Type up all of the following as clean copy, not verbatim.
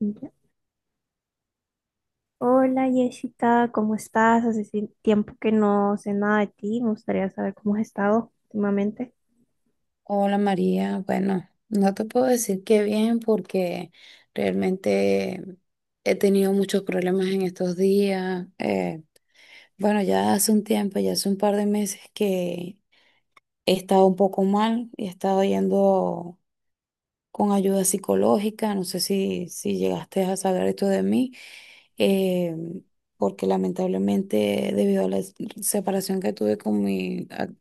Ya. Hola Jessica, ¿cómo estás? Hace tiempo que no sé nada de ti, me gustaría saber cómo has estado últimamente. Hola María, bueno, no te puedo decir que bien porque realmente he tenido muchos problemas en estos días. Bueno, ya hace un tiempo, ya hace un par de meses que he estado un poco mal, he estado yendo con ayuda psicológica, no sé si llegaste a saber esto de mí, eh, porque lamentablemente debido a la separación que tuve con mi,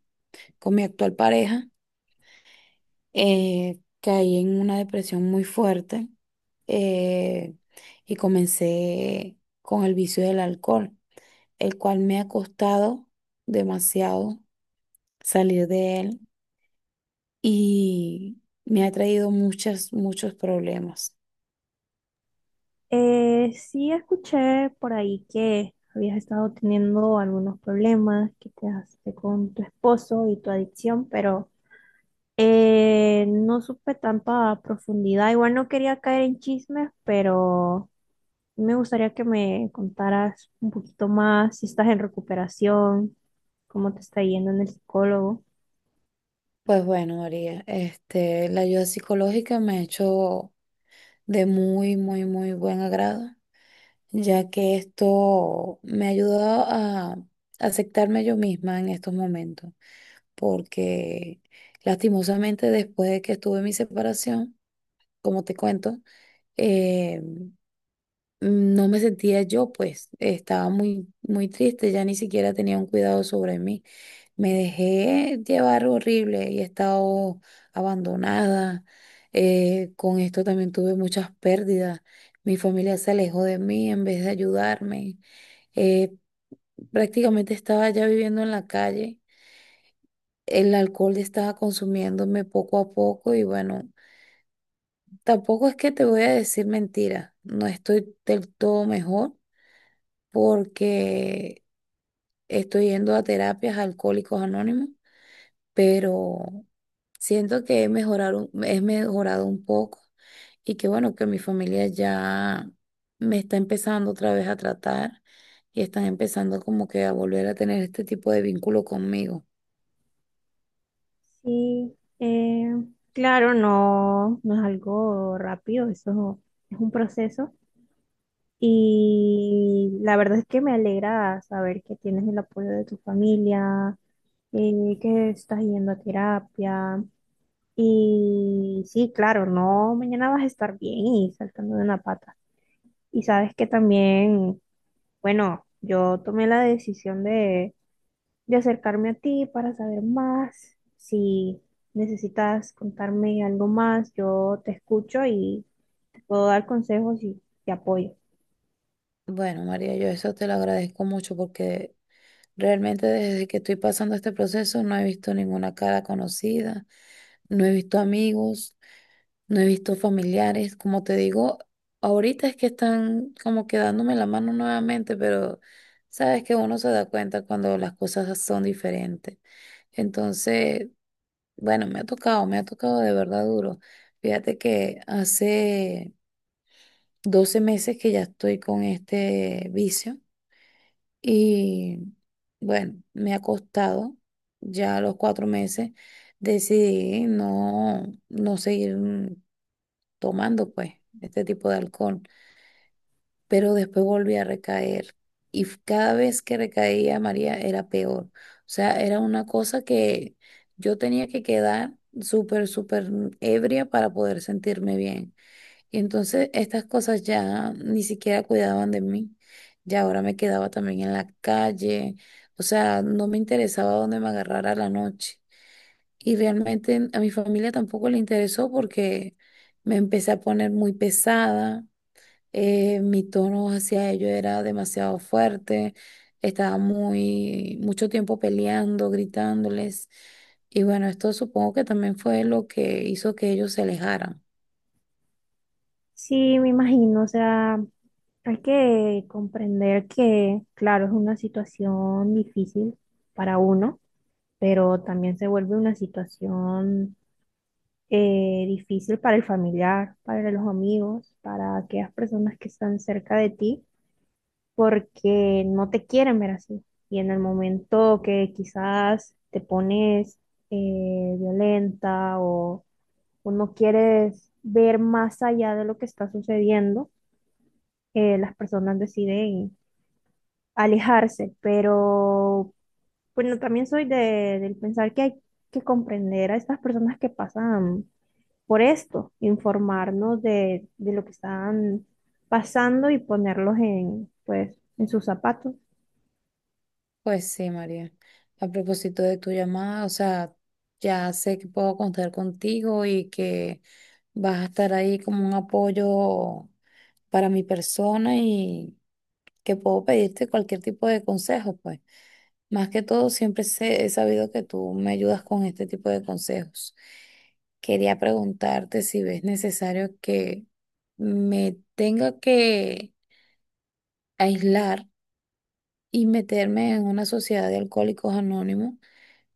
con mi actual pareja, caí en una depresión muy fuerte eh, y comencé con el vicio del alcohol, el cual me ha costado demasiado salir de él y me ha traído muchas, muchos problemas. Sí, escuché por ahí que habías estado teniendo algunos problemas que te hace con tu esposo y tu adicción, pero no supe tanta profundidad. Igual no quería caer en chismes, pero me gustaría que me contaras un poquito más si estás en recuperación, cómo te está yendo en el psicólogo. Pues bueno, María, este, la ayuda psicológica me ha hecho de muy, muy, muy buen agrado, ya que esto me ha ayudado a aceptarme yo misma en estos momentos porque lastimosamente después de que estuve en mi separación, como te cuento, eh, no me sentía yo, pues estaba muy, muy triste, ya ni siquiera tenía un cuidado sobre mí. Me dejé llevar horrible y he estado abandonada. Con esto también tuve muchas pérdidas. Mi familia se alejó de mí en vez de ayudarme. Eh, Prácticamente estaba ya viviendo en la calle, el alcohol estaba consumiéndome poco a poco y bueno, tampoco es que te voy a decir mentira, no estoy del todo mejor porque estoy yendo a terapias a alcohólicos anónimos, pero siento que he mejorado, he mejorado un poco y que bueno, que mi familia ya me está empezando otra vez a tratar y están empezando como que a volver a tener este tipo de vínculo conmigo. Sí, eh, claro, no, no es algo rápido, eso es un proceso. Y la verdad es que me alegra saber que tienes el apoyo de tu familia, que estás yendo a terapia. Y sí, claro, no, mañana vas a estar bien y saltando de una pata. Y sabes que también, bueno, yo tomé la decisión de acercarme a ti para saber más. Si necesitas contarme algo más, yo te escucho y te puedo dar consejos y te apoyo. Bueno, María, yo eso te lo agradezco mucho porque realmente desde que estoy pasando este proceso no he visto ninguna cara conocida, no he visto amigos, no he visto familiares. Como te digo, ahorita es que están como que dándome la mano nuevamente, pero sabes que uno se da cuenta cuando las cosas son diferentes. Entonces, bueno, me ha tocado de verdad duro. Fíjate que hace 12 meses que ya estoy con este vicio. Y bueno, me ha costado ya a los 4 meses. Decidí no seguir tomando pues este tipo de alcohol, pero después volví a recaer. Y cada vez que recaía, María, era peor. O sea, era una cosa que yo tenía que quedar súper, súper ebria para poder sentirme bien. Y entonces estas cosas ya ni siquiera cuidaban de mí. Ya ahora me quedaba también en la calle. O sea, no me interesaba dónde me agarrara la noche. Y realmente a mi familia tampoco le interesó porque me empecé a poner muy pesada. Mi tono hacia ellos era demasiado fuerte. Estaba muy, mucho tiempo peleando, gritándoles. Y bueno, esto supongo que también fue lo que hizo que ellos se alejaran. Sí, me imagino, o sea, hay que comprender que, claro, es una situación difícil para uno, pero también se vuelve una situación difícil para el familiar, para los amigos, para aquellas personas que están cerca de ti, porque no te quieren ver así. Y en el momento que quizás te pones violenta o no quieres ver más allá de lo que está sucediendo, las personas deciden alejarse, pero bueno, también soy del pensar que hay que comprender a estas personas que pasan por esto, informarnos de lo que están pasando y ponerlos en, pues, en sus zapatos. Pues sí, María. A propósito de tu llamada, o sea, ya sé que puedo contar contigo y que vas a estar ahí como un apoyo para mi persona y que puedo pedirte cualquier tipo de consejo, pues. Más que todo, siempre he sabido que tú me ayudas con este tipo de consejos. Quería preguntarte si ves necesario que me tenga que aislar y meterme en una sociedad de alcohólicos anónimos,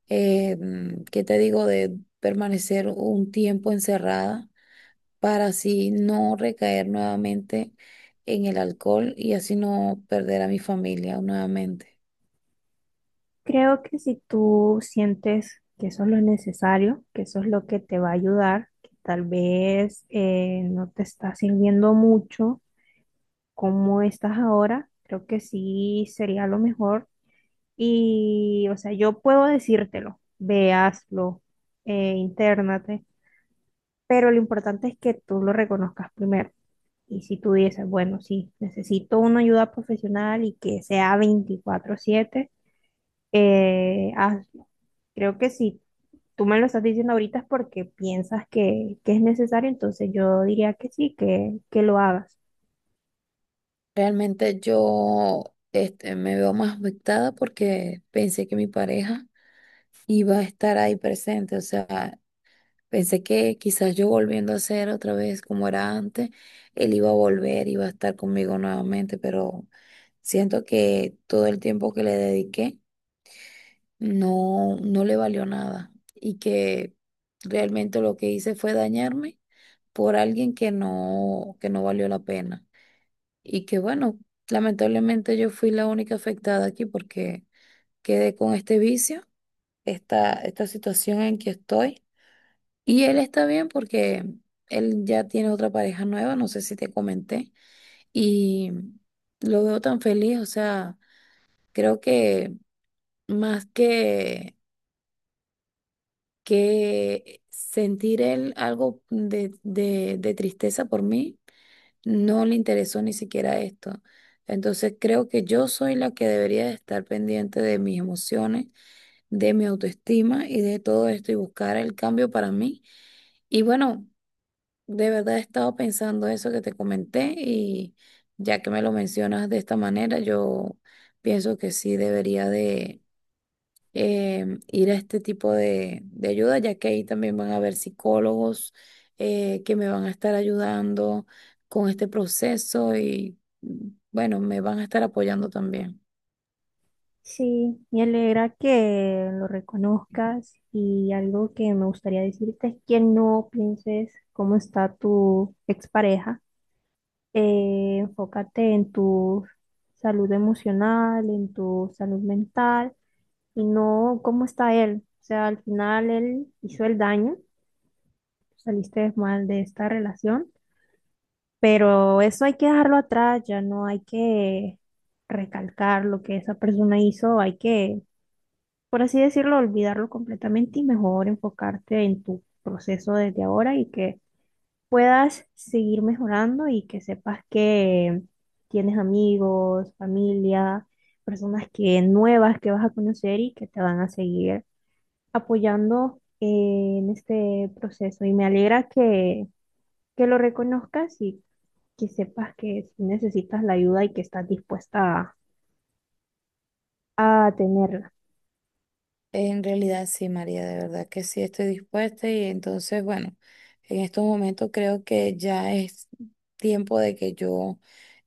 ¿qué te digo? De permanecer un tiempo encerrada para así no recaer nuevamente en el alcohol y así no perder a mi familia nuevamente. Creo que si tú sientes que eso es lo necesario, que eso es lo que te va a ayudar, que tal vez no te está sirviendo mucho como estás ahora, creo que sí sería lo mejor. Y, o sea, yo puedo decírtelo, ve, hazlo, intérnate, pero lo importante es que tú lo reconozcas primero. Y si tú dices, bueno, sí, necesito una ayuda profesional y que sea 24/7, hazlo. Creo que si tú me lo estás diciendo ahorita es porque piensas que es necesario, entonces yo diría que sí, que lo hagas. Realmente yo este, me veo más afectada porque pensé que mi pareja iba a estar ahí presente, o sea, pensé que quizás yo volviendo a ser otra vez como era antes, él iba a volver, iba a estar conmigo nuevamente, pero siento que todo el tiempo que le dediqué no le valió nada y que realmente lo que hice fue dañarme por alguien que no valió la pena. Y que bueno, lamentablemente yo fui la única afectada aquí porque quedé con este vicio, esta situación en que estoy. Y él está bien porque él ya tiene otra pareja nueva, no sé si te comenté, y lo veo tan feliz, o sea, creo que más que sentir él algo de tristeza por mí, no le interesó ni siquiera esto. Entonces creo que yo soy la que debería de estar pendiente de mis emociones, de mi autoestima y de todo esto y buscar el cambio para mí. Y bueno, de verdad he estado pensando eso que te comenté y ya que me lo mencionas de esta manera, yo pienso que sí debería de ir a este tipo de ayuda, ya que ahí también van a haber psicólogos que me van a estar ayudando con este proceso y bueno, me van a estar apoyando también. Sí, me alegra que lo reconozcas y algo que me gustaría decirte es que no pienses cómo está tu expareja. Enfócate en tu salud emocional, en tu salud mental y no cómo está él. O sea, al final él hizo el daño, saliste mal de esta relación, pero eso hay que dejarlo atrás, ya no hay que recalcar lo que esa persona hizo, hay que, por así decirlo, olvidarlo completamente y mejor enfocarte en tu proceso desde ahora y que puedas seguir mejorando y que sepas que tienes amigos, familia, personas que nuevas que vas a conocer y que te van a seguir apoyando en este proceso. Y me alegra que lo reconozcas y que sepas que si necesitas la ayuda y que estás dispuesta a tenerla. En realidad sí, María, de verdad que sí estoy dispuesta y entonces, bueno, en estos momentos creo que ya es tiempo de que yo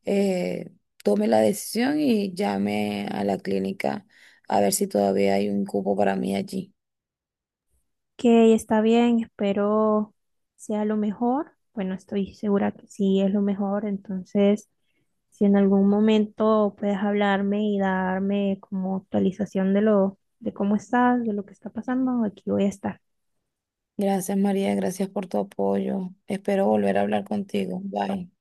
eh, tome la decisión y llame a la clínica a ver si todavía hay un cupo para mí allí. Que está bien, espero sea lo mejor. Bueno, estoy segura que sí es lo mejor, entonces si en algún momento puedes hablarme y darme como actualización de lo, de cómo estás, de lo que está pasando, aquí voy a estar. Gracias, María, gracias por tu apoyo. Espero volver a hablar contigo. Bye.